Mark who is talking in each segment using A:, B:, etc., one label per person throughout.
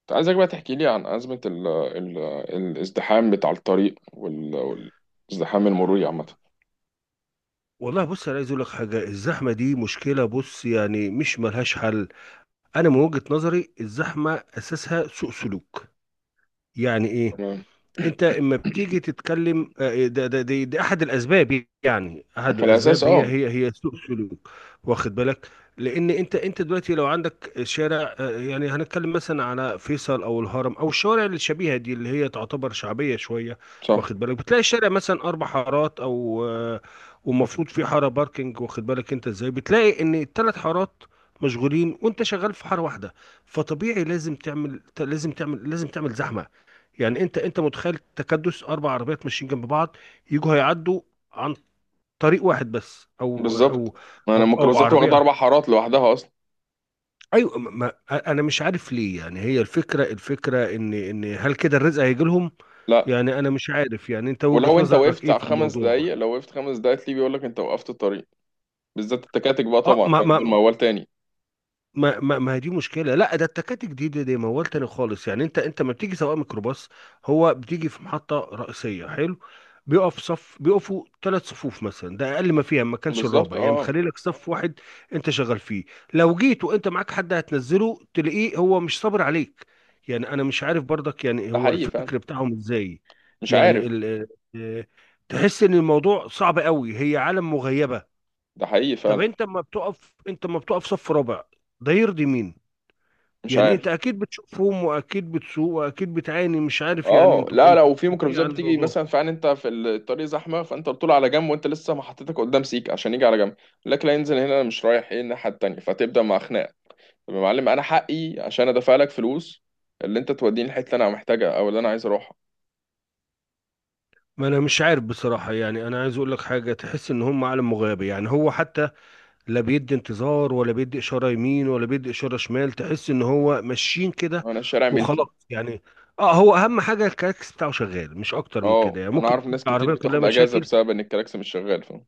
A: كنت عايزك بقى تحكي لي عن أزمة ال ال الازدحام بتاع الطريق والازدحام المروري عامة.
B: والله، بص انا عايز اقول لك حاجه. الزحمه دي مشكله، بص يعني مش ملهاش حل. انا من وجهه نظري الزحمه اساسها سوء سلوك. يعني ايه؟
A: تمام.
B: انت اما بتيجي تتكلم دي احد الاسباب يعني احد
A: في الأساس،
B: الاسباب هي
A: اه.
B: هي هي سوء سلوك. واخد بالك؟ لان انت دلوقتي لو عندك شارع، يعني هنتكلم مثلا على فيصل او الهرم او الشوارع الشبيهه دي اللي هي تعتبر شعبيه شويه.
A: صح.
B: واخد بالك؟ بتلاقي الشارع مثلا 4 حارات او آه، ومفروض في حاره باركنج. واخد بالك انت ازاي؟ بتلاقي ان ال3 حارات مشغولين وانت شغال في حاره واحده. فطبيعي لازم تعمل زحمه. يعني انت متخيل تكدس 4 عربيات ماشيين جنب بعض، يجوا هيعدوا عن طريق واحد بس او
A: بالظبط.
B: او
A: ما أنا
B: او, أو
A: الميكروباصات واخدة
B: عربيه.
A: 4 حارات لوحدها أصلا.
B: ايوه، انا مش عارف ليه. يعني هي الفكره ان هل كده الرزق هيجي لهم؟
A: لا.
B: يعني انا مش عارف، يعني انت
A: ولو
B: وجهه
A: أنت
B: نظرك
A: وقفت
B: ايه
A: على
B: في
A: خمس
B: الموضوع؟
A: دقايق لو وقفت 5 دقايق تلاقيه بيقول لك أنت وقفت الطريق، بالذات التكاتك بقى
B: اه،
A: طبعا،
B: ما
A: فاهم؟ دول
B: ما
A: موال تاني.
B: ما ما ما هي دي مشكله. لا ده التكاتك دي موال تاني خالص. يعني انت ما بتيجي سواق ميكروباص، هو بتيجي في محطه رئيسيه، حلو. بيقف صف، بيقفوا 3 صفوف مثلا. ده اقل ما فيها، ما كانش
A: بالظبط،
B: الرابع يعني
A: اه.
B: مخلي لك صف واحد انت شغال فيه. لو جيت وانت معاك حد هتنزله تلاقيه هو مش صابر عليك. يعني انا مش عارف برضك، يعني
A: ده
B: هو
A: حقيقي فعلا.
B: الفكر بتاعهم ازاي؟
A: مش
B: يعني
A: عارف.
B: آه، تحس ان الموضوع صعب قوي. هي عالم مغيبه.
A: ده حقيقي
B: طب
A: فعلا.
B: انت ما بتقف صف رابع. ده يرضي مين؟
A: مش
B: يعني
A: عارف.
B: انت اكيد بتشوفهم واكيد بتسوق واكيد بتعاني، مش عارف، يعني
A: اه،
B: انت
A: لا،
B: انت
A: لو في
B: بتحكي ايه
A: ميكروباصات
B: عن
A: بتيجي
B: الموضوع؟
A: مثلا، فعلا انت في الطريق زحمه، فانت بتطول على جنب وانت لسه ما حطيتك قدام، سيك عشان يجي على جنب، يقول لك لا ينزل هنا، انا مش رايح، ايه الناحيه التانيه؟ فتبدا مع خناق. طب يا معلم، انا حقي عشان ادفع لك فلوس، اللي انت توديني الحته اللي انا محتاجها او اللي انا عايز اروحها.
B: ما انا مش عارف بصراحة. يعني انا عايز اقول لك حاجة، تحس ان هم عالم مغيب. يعني هو حتى لا بيدي انتظار ولا بيدي اشارة يمين ولا بيدي اشارة شمال، تحس ان هو ماشيين كده
A: انا الشارع ملكي.
B: وخلاص. يعني اه، هو اهم حاجة الكاكس بتاعه شغال، مش اكتر من
A: اه،
B: كده. يعني
A: انا
B: ممكن
A: اعرف
B: يكون
A: ناس كتير
B: العربية كلها
A: بتاخد اجازه
B: مشاكل.
A: بسبب ان الكلاكس مش شغال، فاهم.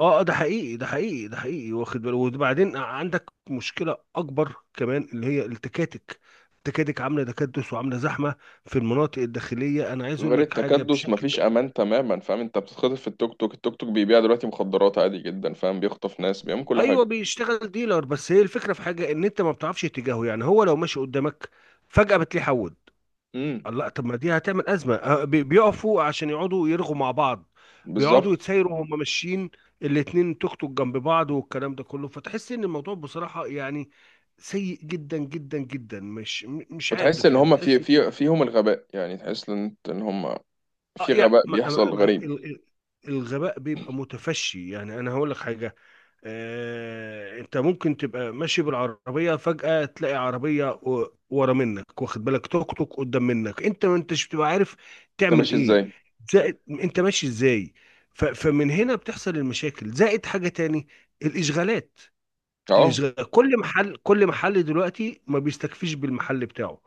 B: اه، ده حقيقي. واخد بالك؟ وبعدين عندك مشكلة أكبر كمان، اللي هي التكاتك. التكاتك عاملة تكدس وعاملة زحمة في المناطق الداخلية. أنا عايز أقول
A: غير
B: لك حاجة
A: التكدس مفيش
B: بشكل...
A: امان تماما، فاهم، انت بتتخطف في التوك توك. التوك توك بيبيع دلوقتي مخدرات عادي جدا، فاهم، بيخطف ناس، بيعمل كل
B: أيوه
A: حاجه.
B: بيشتغل ديلر. بس هي الفكرة في حاجة، إن أنت ما بتعرفش اتجاهه. يعني هو لو ماشي قدامك فجأة بتلاقيه حول.
A: امم.
B: لا، طب ما دي هتعمل أزمة. بيقفوا عشان يقعدوا يرغوا مع بعض، بيقعدوا
A: بالظبط،
B: يتسايروا وهم ماشيين، الاتنين توك توك جنب بعض والكلام ده كله. فتحس ان الموضوع بصراحة يعني سيء جدا جدا جدا. مش
A: وتحس
B: عارف،
A: ان
B: يعني
A: هم في
B: تحس ان...
A: في فيهم الغباء، يعني تحس ان ان هم
B: اه،
A: في غباء بيحصل غريب.
B: الغباء بيبقى متفشي. يعني انا هقول لك حاجة، انت ممكن تبقى ماشي بالعربيه، فجاه تلاقي عربيه ورا منك، واخد بالك، توك توك قدام منك، انت ما انتش بتبقى عارف
A: انت
B: تعمل
A: ماشي
B: ايه،
A: ازاي؟
B: زائد انت ماشي ازاي. فمن هنا بتحصل المشاكل، زائد حاجه تاني: الاشغالات.
A: اه،
B: الاشغال، كل محل دلوقتي ما بيستكفيش بالمحل بتاعه،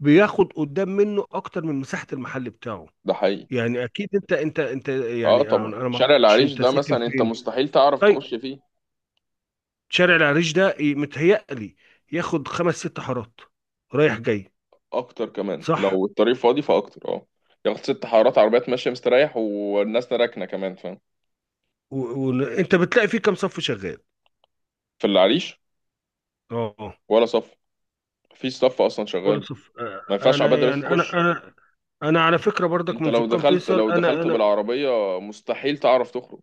B: بياخد قدام منه اكتر من مساحه المحل بتاعه.
A: ده حقيقي.
B: يعني اكيد انت
A: اه
B: يعني انا
A: طبعا،
B: أنا ما
A: شارع
B: اعرفش
A: العريش
B: انت
A: ده
B: ساكن
A: مثلا انت
B: فين.
A: مستحيل تعرف تخش
B: طيب
A: فيه.
B: شارع العريش ده متهيألي ياخد 5 6 حارات رايح جاي.
A: اكتر كمان،
B: صح؟
A: لو الطريق فاضي فاكتر، اه. ياخد 6 حارات، عربيات ماشيه مستريح والناس راكنه كمان، فاهم.
B: وانت بتلاقي فيه كام صف شغال؟
A: في العريش؟
B: اه، آه.
A: ولا صف. في صف اصلا شغال.
B: كل صف.
A: ما ينفعش
B: انا
A: عباد دلوقتي
B: يعني انا
A: تخش.
B: انا انا على فكره برضك
A: انت
B: من
A: لو
B: سكان
A: دخلت
B: فيصل.
A: لو
B: انا
A: دخلت
B: انا
A: بالعربيه مستحيل تعرف تخرج.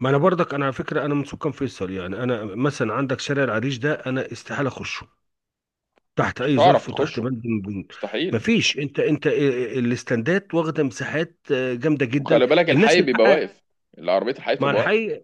B: ما انا برضك انا على فكره، انا من سكان فيصل. يعني انا مثلا عندك شارع العريش ده، انا استحاله اخشه تحت
A: مش
B: اي
A: هتعرف
B: ظرف وتحت
A: تخشه،
B: بند من البنود.
A: مستحيل.
B: مفيش. انت الاستندات واخده مساحات جامده جدا.
A: وخلي بالك
B: الناس
A: الحي
B: من
A: بيبقى
B: حقها
A: واقف. العربية، الحي
B: مع
A: بتبقى واقفة.
B: الحي.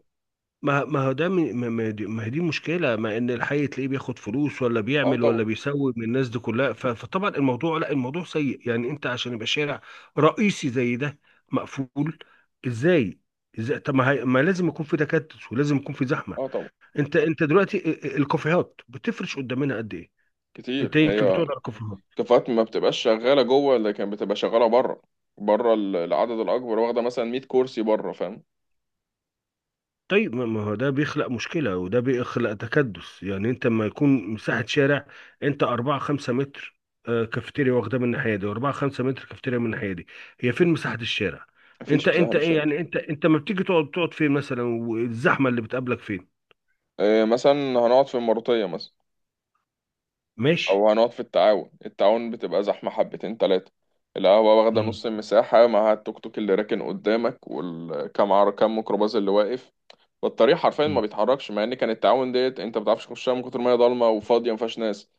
B: ما ما هو ده من- ما ما دي ما هي دي مشكلة، ما ان الحي تلاقيه بياخد فلوس ولا
A: اه
B: بيعمل ولا
A: طبعا.
B: بيسوي من الناس دي كلها. فطبعا الموضوع... لا الموضوع سيء. يعني انت عشان يبقى شارع رئيسي زي ده مقفول ازاي؟ ازاي؟ طب ما لازم يكون في تكدس ولازم يكون في زحمة.
A: اه طبعا.
B: انت دلوقتي الكافيهات بتفرش قدامنا قد ايه؟
A: كتير
B: انت يمكن بتقعد
A: هي.
B: على الكافيهات.
A: كفاءات ما بتبقاش شغالة جوه، لكن بتبقى شغالة بره. بره العدد الأكبر واخدة مثلا 100 كرسي بره، فاهم.
B: طيب ما ما هو ده بيخلق مشكلة وده بيخلق تكدس. يعني انت لما يكون مساحة شارع، 4 5 متر كافيتيريا واخدة من الناحية دي، وأربعة خمسة متر كافيتيريا من الناحية دي، هي فين مساحة الشارع؟
A: مفيش
B: انت
A: مساحة
B: انت ايه
A: للشارع.
B: يعني انت انت ما بتيجي تقعد، تقعد فين مثلا، والزحمة اللي بتقابلك فين؟
A: إيه مثلا؟ هنقعد في المروطية مثلا.
B: ماشي.
A: أو هنقعد في التعاون. التعاون بتبقى زحمة حبتين تلاتة. القهوة واخدة
B: مم.
A: نص المساحة مع التوك توك اللي راكن قدامك، والكام عر كام ميكروباص اللي واقف. فالطريق حرفيا ما
B: مم.
A: بيتحركش، مع ان كان التعاون ديت انت ما بتعرفش تخشها من كتر ما هي ضلمه وفاضيه ما فيهاش ناس.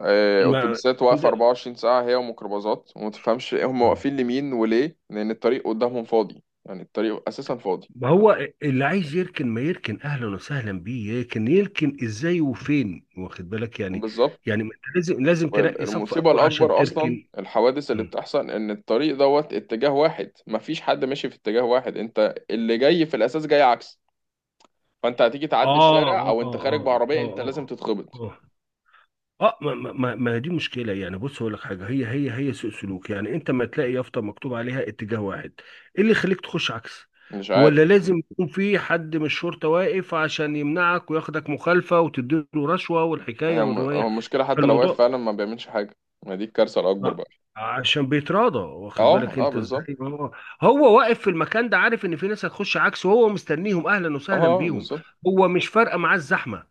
B: ما
A: اتوبيسات واقفه
B: انت-
A: 24 ساعه هي وميكروباصات، وما تفهمش هم
B: مم.
A: واقفين لمين وليه، لان الطريق قدامهم فاضي، يعني الطريق اساسا فاضي.
B: ما هو اللي عايز يركن ما يركن، اهلا وسهلا بيه. يركن يركن ازاي وفين؟ واخد بالك يعني.
A: بالظبط.
B: يعني ما انت لازم تنقي صف
A: والمصيبه
B: اول عشان
A: الاكبر اصلا
B: تركن.
A: الحوادث اللي
B: مم.
A: بتحصل ان الطريق دوت اتجاه واحد، مفيش حد ماشي في اتجاه واحد، انت اللي جاي في الاساس جاي عكس. فانت هتيجي تعدي الشارع،
B: اه،
A: او
B: اه،
A: انت خارج
B: اه، اه،
A: بعربيه، انت لازم
B: اه،
A: تتخبط.
B: اه، اه، ما دي مشكله. يعني بص اقول لك حاجه، هي سوء سلوك. يعني انت ما تلاقي يافطه مكتوب عليها اتجاه واحد، ايه اللي يخليك تخش عكس؟
A: مش عارف.
B: ولا لازم يكون في حد من الشرطه واقف عشان يمنعك وياخدك مخالفه وتديله رشوه والحكايه
A: هي هو
B: والروايه؟
A: المشكله، حتى لو واقف
B: فالموضوع...
A: فعلا ما بيعملش حاجه. ما دي الكارثه الاكبر
B: ما-
A: بقى.
B: عشان بيتراضى. واخد
A: اه
B: بالك
A: اه،
B: انت
A: بالظبط.
B: ازاي؟ هو واقف في المكان ده، عارف ان في ناس هتخش عكسه وهو مستنيهم اهلا
A: اه،
B: وسهلا بيهم.
A: بالظبط.
B: هو مش فارقه معاه الزحمه.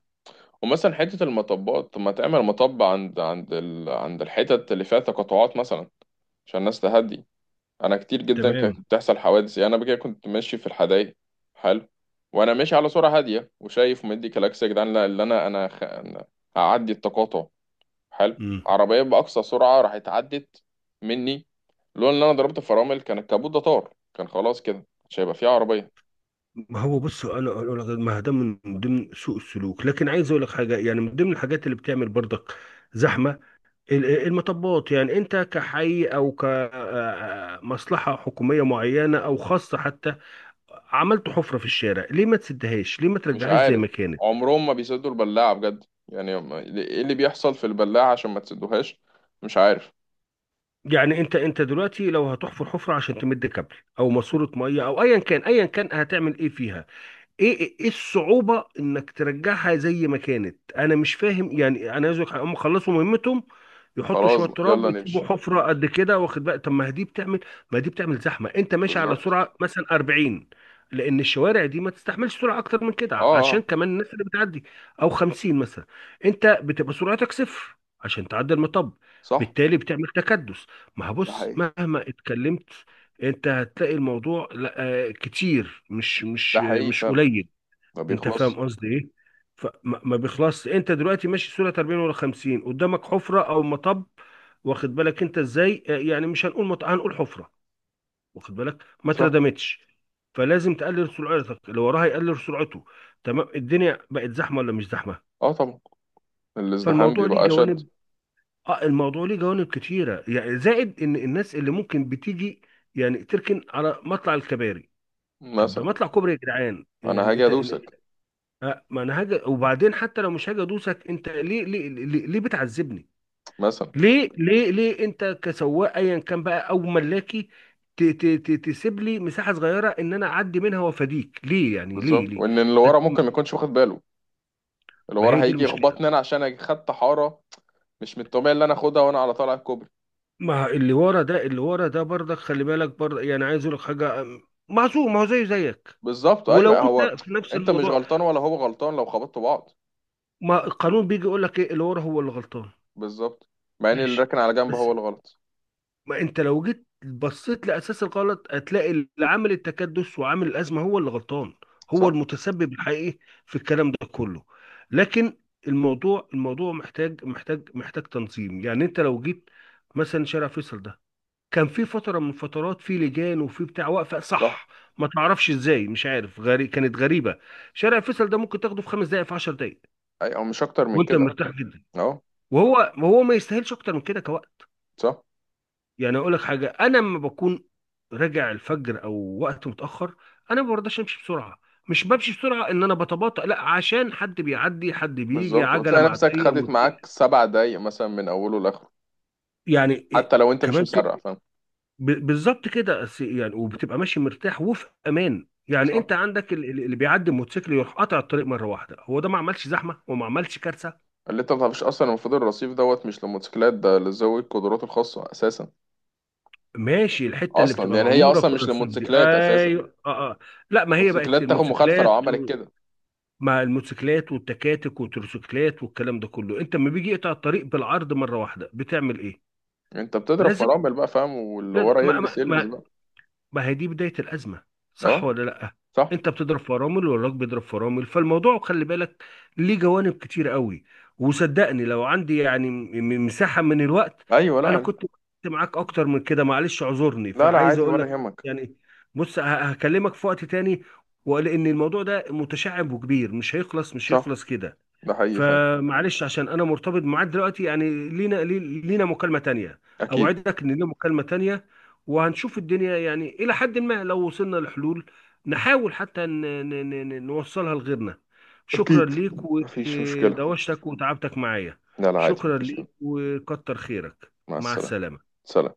A: ومثلا حتة المطبات، طب ما تعمل مطب عند عند الحتت اللي فيها تقاطعات مثلا، عشان الناس تهدي. انا كتير جدا
B: تمام.
A: كانت بتحصل حوادث، يعني انا بكده كنت ماشي في الحدايق. حلو. وانا ماشي على سرعة هادية، وشايف ومدي كلاكس يا جدعان، لا، اللي أنا هعدي التقاطع. حلو.
B: امم
A: عربية بأقصى سرعة راحت عدت مني، لولا ان انا ضربت فرامل كان الكابوت ده طار، كان خلاص كده مش هيبقى فيه عربية.
B: ما هو بص انا أقول لك، ما ده من ضمن سوء السلوك. لكن عايز اقول لك حاجه، يعني من ضمن الحاجات اللي بتعمل برضك زحمه: المطبات. يعني انت كحي او كمصلحه حكوميه معينه او خاصه حتى، عملت حفره في الشارع، ليه ما تسدهاش؟ ليه ما
A: مش
B: ترجعهاش زي
A: عارف.
B: ما كانت؟
A: عمرهم ما بيسدوا البلاعة بجد، يعني ايه اللي بيحصل في البلاعة عشان ما تسدوهاش؟ مش عارف.
B: يعني انت دلوقتي لو هتحفر حفره عشان تمد كابل او ماسوره ميه او ايا كان هتعمل ايه فيها؟ ايه ايه إيه الصعوبة انك ترجعها زي ما كانت؟ انا مش فاهم. يعني انا عايز أقولك حاجة، هم خلصوا مهمتهم، يحطوا
A: خلاص
B: شوية
A: بقى،
B: تراب
A: يلا
B: ويسيبوا
A: نمشي.
B: حفرة قد كده واخد بقى. طب ما دي بتعمل زحمة. انت ماشي على
A: بالظبط.
B: سرعة مثلا 40، لان الشوارع دي ما تستحملش سرعة اكتر من
A: اه
B: كده، عشان
A: اه.
B: كمان الناس اللي بتعدي، او 50 مثلا. انت بتبقى سرعتك صفر عشان تعدي المطب،
A: صح،
B: بالتالي بتعمل تكدس. ما
A: ده
B: هبص،
A: حقيقي،
B: مهما اتكلمت انت هتلاقي الموضوع لا كتير، مش مش
A: ده حقيقي
B: مش
A: فعلا،
B: قليل.
A: ما
B: انت فاهم
A: بيخلص.
B: قصدي ايه؟ ما بيخلصش. انت دلوقتي ماشي سورة 40 ولا 50، قدامك حفرة او مطب، واخد بالك انت ازاي؟ يعني مش هنقول مط... هنقول حفرة. واخد بالك؟ ما
A: صح.
B: اتردمتش، فلازم تقلل سرعتك، اللي وراها يقلل سرعته. تمام. الدنيا بقت زحمة ولا مش زحمة؟
A: اه طبعا، الازدحام
B: فالموضوع ليه
A: بيبقى اشد.
B: جوانب. اه، الموضوع ليه جوانب كتيرة. يعني زائد ان الناس اللي ممكن بتيجي يعني تركن على مطلع الكباري. طب ده
A: مثلا.
B: مطلع كوبري يا جدعان.
A: انا
B: يعني
A: هاجي
B: انت
A: ادوسك.
B: ما انا هاجي. وبعدين حتى لو مش هاجي ادوسك، انت ليه بتعذبني؟
A: مثلا.
B: ليه انت كسواق ايا كان بقى او ملاكي، تسيب لي مساحه صغيره ان انا اعدي منها وافاديك، ليه؟ يعني ليه
A: بالظبط،
B: ليه
A: وان اللي
B: ما
A: ورا ممكن ما
B: ما-
A: يكونش واخد باله، اللي
B: ما
A: ورا
B: هي دي
A: هيجي
B: المشكله.
A: يخبطني انا عشان أنا خدت حارة، مش من الطبيعي اللي انا اخدها وانا على طالع الكوبري.
B: ما اللي ورا ده، برضك خلي بالك برضك. يعني عايز اقول لك حاجه، معصوم، ما هو زيه زيك.
A: بالظبط
B: ولو
A: ايوه هو.
B: انت في نفس
A: انت مش
B: الموضوع،
A: غلطان ولا هو غلطان لو خبطتوا بعض.
B: ما القانون بيجي يقول لك ايه؟ اللي ورا هو اللي غلطان.
A: بالظبط، مع ان اللي
B: ماشي.
A: راكن على جنب
B: بس
A: هو الغلط.
B: ما انت لو جيت بصيت لاساس الغلط هتلاقي اللي عامل التكدس وعامل الازمه هو اللي غلطان، هو
A: صح.
B: المتسبب الحقيقي في الكلام ده كله. لكن الموضوع محتاج تنظيم. يعني انت لو جيت مثلا شارع فيصل ده، كان في فتره من فترات في لجان وفي بتاع واقفه،
A: صح.
B: صح. ما تعرفش ازاي، مش عارف، غري... كانت غريبه. شارع فيصل ده ممكن تاخده في 5 دقائق، في 10 دقائق،
A: اي او مش اكتر من
B: وانت
A: كده.
B: مرتاح جدا.
A: اهو.
B: وهو ما يستاهلش اكتر من كده كوقت.
A: صح.
B: يعني اقول لك حاجه، انا لما بكون راجع الفجر او وقت متاخر، انا ما برضاش امشي بسرعه. مش بمشي بسرعه ان انا بتباطأ، لا، عشان حد بيعدي، حد بيجي،
A: بالظبط،
B: عجله،
A: وتلاقي نفسك
B: معديه،
A: خدت
B: موتوسيكل.
A: معاك 7 دقايق مثلا من اوله لاخره،
B: يعني إيه
A: حتى لو انت مش
B: كمان؟ في...
A: مسرع، فاهم.
B: بالظبط كده. يعني وبتبقى ماشي مرتاح وفي امان. يعني
A: صح.
B: انت عندك اللي بيعدي الموتوسيكل يروح قاطع الطريق مره واحده، هو ده ما عملش زحمه وما عملش كارثه.
A: اللي انت ما تعرفش اصلا المفروض الرصيف دوت مش للموتوسيكلات، ده لذوي القدرات الخاصه اساسا.
B: ماشي. الحته اللي
A: اصلا
B: بتبقى
A: يعني هي
B: معموره
A: اصلا
B: في
A: مش
B: الرصيف دي،
A: للموتوسيكلات اساسا.
B: ايوه، اه لا، ما هي بقت
A: الموتوسيكلات تاخد مخالفه لو
B: للموتوسيكلات.
A: عملت كده.
B: مع الموتوسيكلات والتكاتك والتروسيكلات والكلام ده كله، انت لما بيجي يقطع الطريق بالعرض مره واحده بتعمل ايه؟
A: انت بتضرب
B: لازم
A: فرامل بقى، فاهم، واللي
B: لازم.
A: ورا
B: ما
A: يلبس
B: ما
A: يلبس
B: ما,
A: بقى.
B: ما هي دي بدايه الازمه.
A: اهو.
B: صح ولا لا؟
A: صح.
B: انت بتضرب فرامل والراجل بيضرب فرامل، فالموضوع خلي بالك ليه جوانب كتير قوي. وصدقني لو عندي يعني مساحه من الوقت،
A: ايوه،
B: انا
A: لا.
B: كنت كنت معاك اكتر من كده. معلش اعذرني،
A: لا لا،
B: فعايز
A: عادي
B: اقول
A: ولا
B: لك
A: يهمك.
B: يعني... بص، هكلمك في وقت تاني. ولان الموضوع ده متشعب وكبير، مش
A: صح،
B: هيخلص كده.
A: ده حقيقي، فاهم.
B: فمعلش عشان انا مرتبط معاك دلوقتي. يعني لينا لينا مكالمة تانية.
A: اكيد.
B: اوعدك ان لينا مكالمة تانية، وهنشوف الدنيا، يعني الى حد ما لو وصلنا لحلول نحاول حتى نوصلها لغيرنا. شكرا
A: أكيد.
B: ليك،
A: مفيش مشكلة.
B: ودوشتك وتعبتك معايا.
A: لا لا، عادي،
B: شكرا
A: مفيش يوم.
B: ليك وكتر خيرك.
A: مع
B: مع
A: السلامة.
B: السلامة.
A: سلام.